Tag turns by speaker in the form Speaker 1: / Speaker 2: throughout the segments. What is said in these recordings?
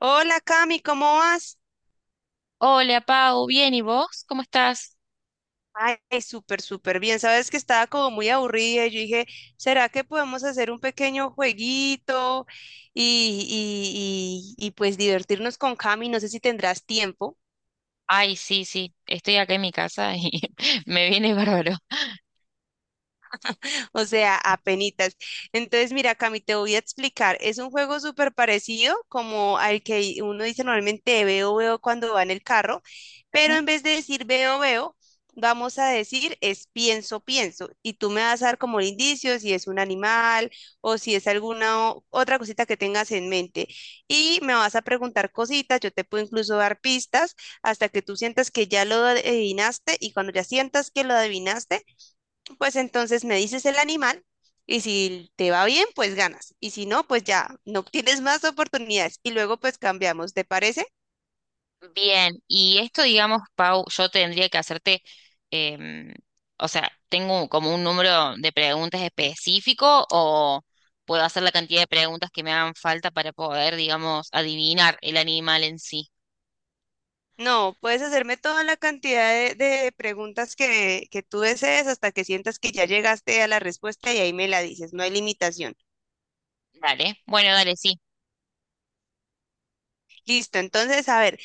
Speaker 1: Hola Cami, ¿cómo vas?
Speaker 2: Hola, Pau, bien, ¿y vos? ¿Cómo estás?
Speaker 1: Ay, súper, súper bien. Sabes que estaba como muy aburrida y yo dije, ¿será que podemos hacer un pequeño jueguito y, y pues divertirnos con Cami? No sé si tendrás tiempo.
Speaker 2: Ay, sí, sí, estoy acá en mi casa y me viene bárbaro.
Speaker 1: O sea, apenitas. Entonces, mira, Cami, te voy a explicar. Es un juego súper parecido como al que uno dice normalmente veo, veo cuando va en el carro, pero
Speaker 2: Ujú.
Speaker 1: en vez de decir veo, veo, vamos a decir es pienso, pienso. Y tú me vas a dar como el indicio si es un animal o si es alguna otra cosita que tengas en mente. Y me vas a preguntar cositas, yo te puedo incluso dar pistas hasta que tú sientas que ya lo adivinaste y cuando ya sientas que lo adivinaste, pues entonces me dices el animal y si te va bien, pues ganas. Y si no, pues ya no tienes más oportunidades. Y luego pues cambiamos, ¿te parece?
Speaker 2: Bien, y esto, digamos, Pau, yo tendría que hacerte, em, o sea, ¿tengo como un número de preguntas específico o puedo hacer la cantidad de preguntas que me hagan falta para poder, digamos, adivinar el animal en sí?
Speaker 1: No, puedes hacerme toda la cantidad de preguntas que tú desees hasta que sientas que ya llegaste a la respuesta y ahí me la dices, no hay limitación.
Speaker 2: Dale, bueno, dale, sí,
Speaker 1: Listo, entonces, a ver,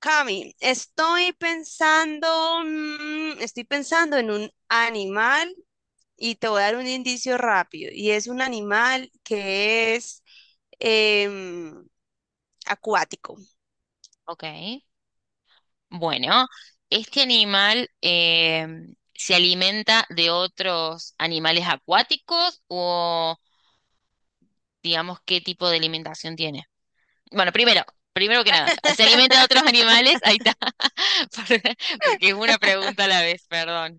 Speaker 1: Cami, estoy pensando, estoy pensando en un animal y te voy a dar un indicio rápido. Y es un animal que es em, acuático.
Speaker 2: ok. Bueno, este animal se alimenta de otros animales acuáticos o digamos qué tipo de alimentación tiene. Bueno, primero, que nada, ¿se alimenta de otros animales? Ahí está. Porque es una pregunta a la vez, perdón.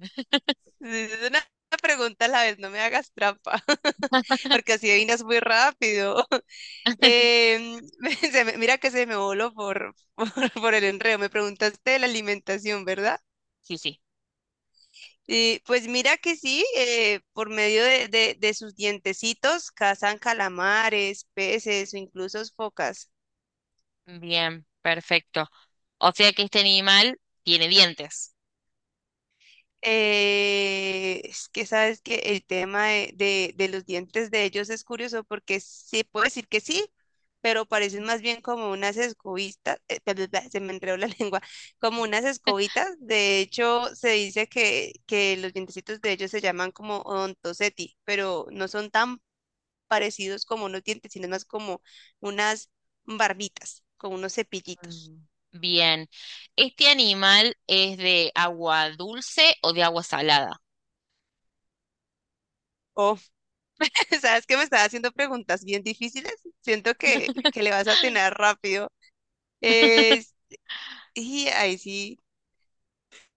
Speaker 1: Es una pregunta a la vez, no me hagas trampa, porque así adivinas muy rápido. Em, mira que se me voló por, el enredo. Me preguntaste de la alimentación, ¿verdad?
Speaker 2: Sí, sí.
Speaker 1: Y pues mira que sí, por medio de sus dientecitos cazan calamares, peces o incluso focas.
Speaker 2: Bien, perfecto. O sea que este animal tiene dientes.
Speaker 1: Es que sabes que el tema de los dientes de ellos es curioso porque sí puedo decir que sí, pero parecen más bien como unas escobitas, bla, bla, bla, se me enredó la lengua, como unas escobitas. De hecho, se dice que los dientecitos de ellos se llaman como odontoceti, pero no son tan parecidos como unos dientes, sino más como unas barbitas, como unos cepillitos.
Speaker 2: Mm. Bien. ¿Este animal es de agua dulce o de agua salada?
Speaker 1: Sabes que me estás haciendo preguntas bien difíciles. Siento que le vas a tener rápido. Es- y ahí sí,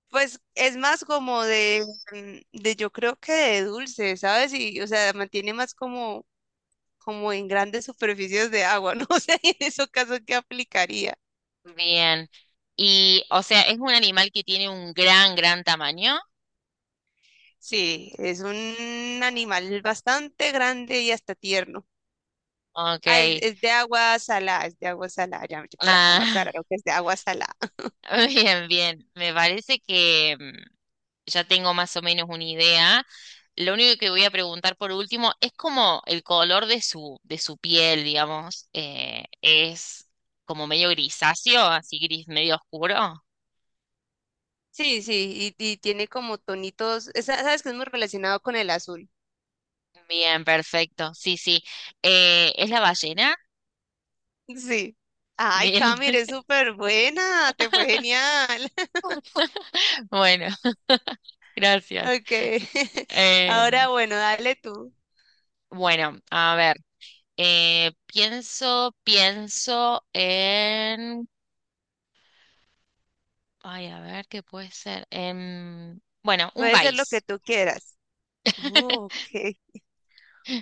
Speaker 1: pues es más como de yo creo que de dulce, ¿sabes? Y, o sea, mantiene más como, como en grandes superficies de agua, ¿no? O sea, en esos casos, ¿qué aplicaría?
Speaker 2: Bien. Y, o sea, es un animal que tiene un gran tamaño.
Speaker 1: Sí, es un animal bastante grande y hasta tierno.
Speaker 2: Ok.
Speaker 1: Ah, es de agua salada, es de agua salada. Ya yo por acá me
Speaker 2: Ah,
Speaker 1: aclararon que es de agua salada.
Speaker 2: bien, bien. Me parece que ya tengo más o menos una idea. Lo único que voy a preguntar por último es como el color de de su piel, digamos, es como medio grisáceo, así gris medio oscuro.
Speaker 1: Sí, sí, y tiene como tonitos. Sabes que es muy relacionado con el azul.
Speaker 2: Bien, perfecto. Sí, sí. ¿Es la ballena?
Speaker 1: Sí. Ay,
Speaker 2: Bien.
Speaker 1: Cami, eres súper buena, te fue genial.
Speaker 2: Bueno, gracias.
Speaker 1: Ok.
Speaker 2: Eh,
Speaker 1: Ahora, bueno, dale tú.
Speaker 2: bueno, a ver. Eh, pienso en... Ay, a ver, ¿qué puede ser? Bueno, un
Speaker 1: Puede ser lo que
Speaker 2: país.
Speaker 1: tú quieras. Oh, ok.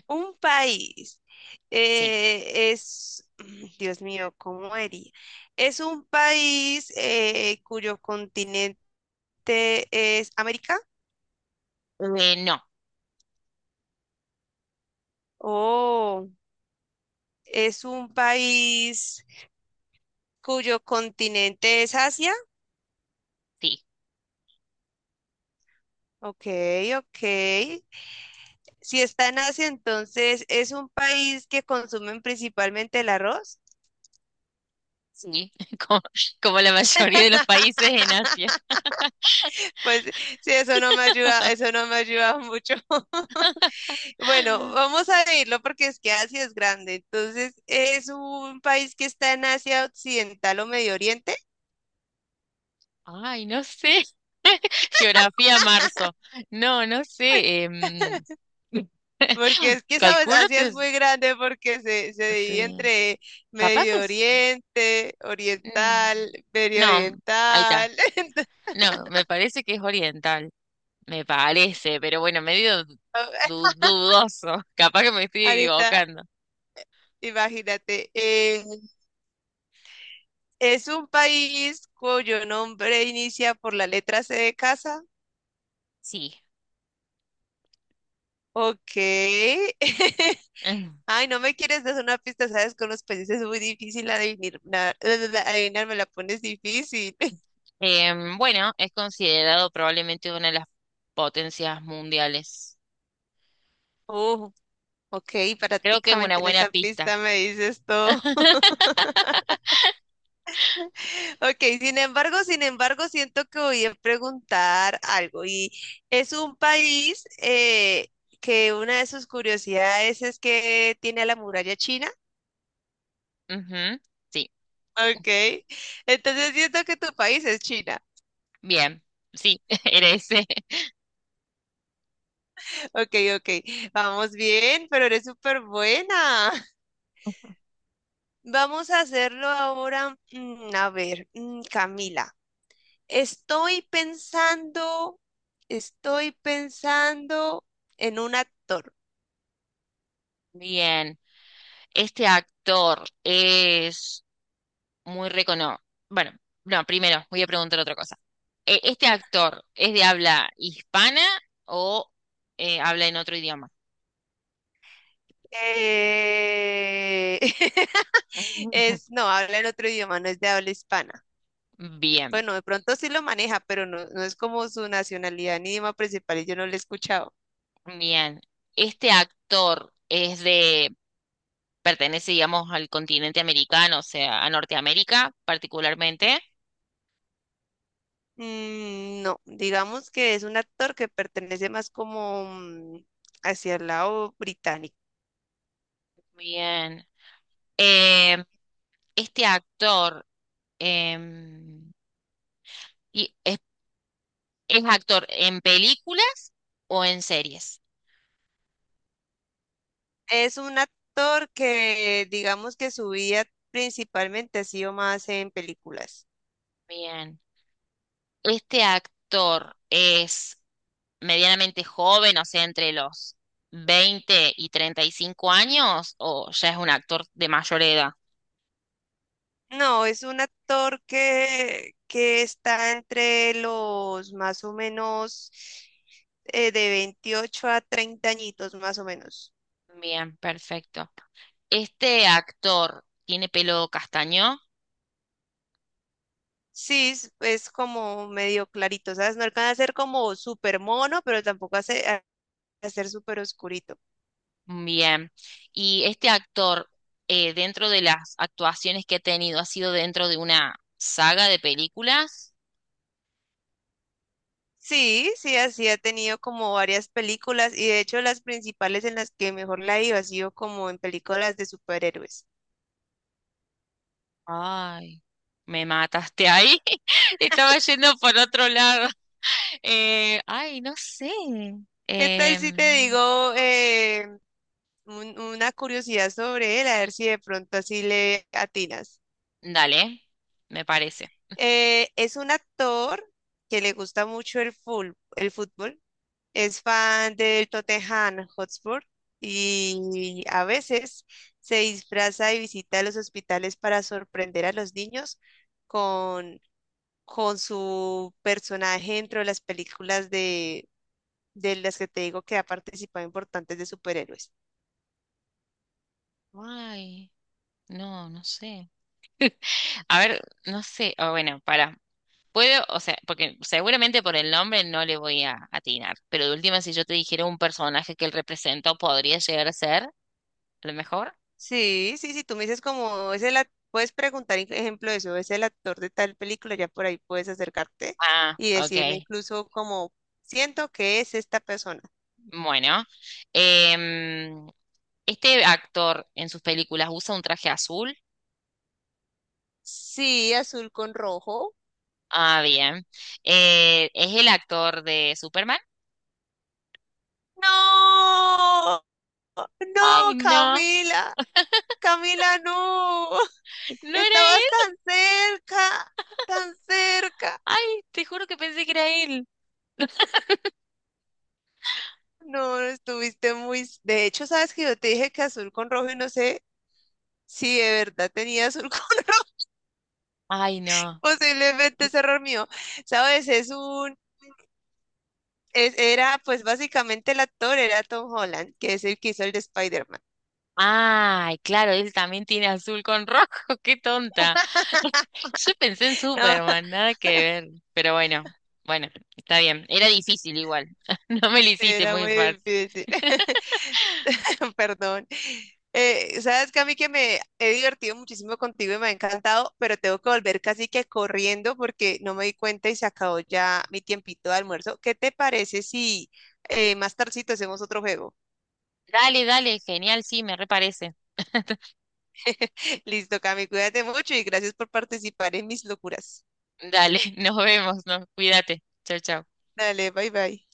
Speaker 1: Un país
Speaker 2: Sí.
Speaker 1: Dios mío, ¿cómo haría? Es un país cuyo continente es América.
Speaker 2: No,
Speaker 1: Oh, es un país cuyo continente es Asia.
Speaker 2: sí,
Speaker 1: Ok, ok. Si está en Asia, entonces es un país que consumen principalmente el arroz.
Speaker 2: sí. Como, como la mayoría de los países en Asia.
Speaker 1: Pues sí, eso no me ayuda, eso no me ayuda mucho. Bueno, vamos a irlo porque es que Asia es grande. Entonces, es un país que está en Asia Occidental o Medio Oriente,
Speaker 2: Ay, no sé. Geografía marzo. No, no sé.
Speaker 1: porque es que, sabes,
Speaker 2: Calculo
Speaker 1: Asia
Speaker 2: que
Speaker 1: es
Speaker 2: es-
Speaker 1: muy grande porque se divide
Speaker 2: sí.
Speaker 1: entre
Speaker 2: Capaz que
Speaker 1: Medio
Speaker 2: es.
Speaker 1: Oriente,
Speaker 2: mm,
Speaker 1: Oriental, Medio
Speaker 2: No, ahí está.
Speaker 1: Oriental. Entonces,
Speaker 2: No, me parece que es oriental. Me parece, pero bueno, medio dudoso. Capaz que me estoy
Speaker 1: ahorita,
Speaker 2: equivocando.
Speaker 1: imagínate, es un país cuyo nombre inicia por la letra C de casa.
Speaker 2: Sí.
Speaker 1: Ok.
Speaker 2: Mm.
Speaker 1: Ay, no me quieres dar una pista, sabes, con los países es muy difícil adivinar, adivinar, me la pones difícil.
Speaker 2: Bueno, es considerado probablemente una de las potencias mundiales.
Speaker 1: Oh, ok,
Speaker 2: Creo que es una
Speaker 1: prácticamente en
Speaker 2: buena
Speaker 1: esa
Speaker 2: pista.
Speaker 1: pista me dices todo. Ok, sin embargo, sin embargo, siento que voy a preguntar algo y es un país que una de sus curiosidades es que tiene a la muralla china.
Speaker 2: Ujú, sí,
Speaker 1: Ok, entonces siento que tu país es China.
Speaker 2: bien, sí, eres. Eh.
Speaker 1: Ok, ok, vamos bien, pero eres súper buena. Vamos a hacerlo ahora. A ver, Camila, estoy pensando, estoy pensando en un actor.
Speaker 2: Bien. Este actor es muy reconocido. Bueno, no, primero voy a preguntar otra cosa. ¿Este actor es de habla hispana o habla en otro idioma?
Speaker 1: Eh,
Speaker 2: Ujú.
Speaker 1: No, habla en otro idioma, no es de habla hispana.
Speaker 2: Bien,
Speaker 1: Bueno, de pronto sí lo maneja, pero no, no es como su nacionalidad ni idioma principal y yo no lo he escuchado.
Speaker 2: bien. Este actor pertenece, digamos, al continente americano, o sea, a Norteamérica particularmente.
Speaker 1: Mm, no, digamos que es un actor que pertenece más como hacia el lado británico.
Speaker 2: Bien. Eh, este actor em, y es, es actor en películas o en series.
Speaker 1: Es un actor que digamos que su vida principalmente ha sido más en películas.
Speaker 2: Bien. Este actor es medianamente joven, o sea, entre los 20 y 35 años, o ya es un actor de mayor edad.
Speaker 1: No, es un actor que está entre los más o menos de 28 a 30 añitos más o menos.
Speaker 2: Bien, perfecto. ¿Este actor tiene pelo castaño?
Speaker 1: Sí, es como medio clarito, ¿sabes? No alcanza a ser como súper mono, pero tampoco hace, a ser súper oscurito.
Speaker 2: Bien. ¿Y este actor, dentro de las actuaciones que ha tenido, ha sido dentro de una saga de películas?
Speaker 1: Sí, sí, así ha tenido como varias películas y de hecho las principales en las que mejor la ha ido ha sido como en películas de superhéroes.
Speaker 2: Ay, me mataste ahí. Estaba yendo por otro lado. Ay, no sé.
Speaker 1: ¿Qué tal si te
Speaker 2: Em,
Speaker 1: digo una curiosidad sobre él? A ver si de pronto así le atinas.
Speaker 2: dale, me parece.
Speaker 1: Es un actor que le gusta mucho el, el fútbol, es fan del Tottenham Hotspur y a veces se disfraza y visita los hospitales para sorprender a los niños con con su personaje dentro de las películas de las que te digo que ha participado importantes de superhéroes.
Speaker 2: Ay, no, no sé. A ver, no sé. Ah, bueno, para. Puedo, o sea, porque seguramente por el nombre no le voy a atinar, pero de última, si yo te dijera un personaje que él representó, podría llegar a ser, a lo mejor.
Speaker 1: Sí, sí, sí, tú me dices como, puedes preguntar, ejemplo, de eso, es el actor de tal película, ya por ahí puedes acercarte
Speaker 2: Ah,
Speaker 1: y decirme
Speaker 2: ok.
Speaker 1: incluso como, siento que es esta persona.
Speaker 2: Bueno, em, este actor en sus películas usa un traje azul.
Speaker 1: Sí, azul con rojo.
Speaker 2: Ah, bien. ¿Es el actor de Superman?
Speaker 1: No,
Speaker 2: Ay,
Speaker 1: no,
Speaker 2: no,
Speaker 1: Camila, Camila, no.
Speaker 2: no era
Speaker 1: Estabas
Speaker 2: él.
Speaker 1: tan cerca, tan cerca.
Speaker 2: Ay, te juro que pensé que era él.
Speaker 1: No, estuviste muy... De hecho, sabes que yo te dije que azul con rojo y no sé si de verdad tenía azul con rojo.
Speaker 2: Ay, no.
Speaker 1: Posiblemente es error mío. Sabes, es un... era pues básicamente el actor, era Tom Holland, que es el que hizo el de Spider-Man.
Speaker 2: Ay, claro, él también tiene azul con rojo, qué tonta. Yo pensé en
Speaker 1: No,
Speaker 2: Superman, nada que ver. Pero bueno, bueno, está bien. Era difícil igual. No me lo hiciste
Speaker 1: era
Speaker 2: muy
Speaker 1: muy
Speaker 2: fácil.
Speaker 1: difícil. Perdón. Sabes Cami que me he divertido muchísimo contigo y me ha encantado, pero tengo que volver casi que corriendo porque no me di cuenta y se acabó ya mi tiempito de almuerzo. ¿Qué te parece si más tardecito hacemos otro juego?
Speaker 2: Dale, dale, genial, sí, me reparece.
Speaker 1: Listo, Cami, cuídate mucho y gracias por participar en mis locuras.
Speaker 2: Dale, nos vemos, ¿no? Cuídate. Chao, chao.
Speaker 1: Dale, bye bye.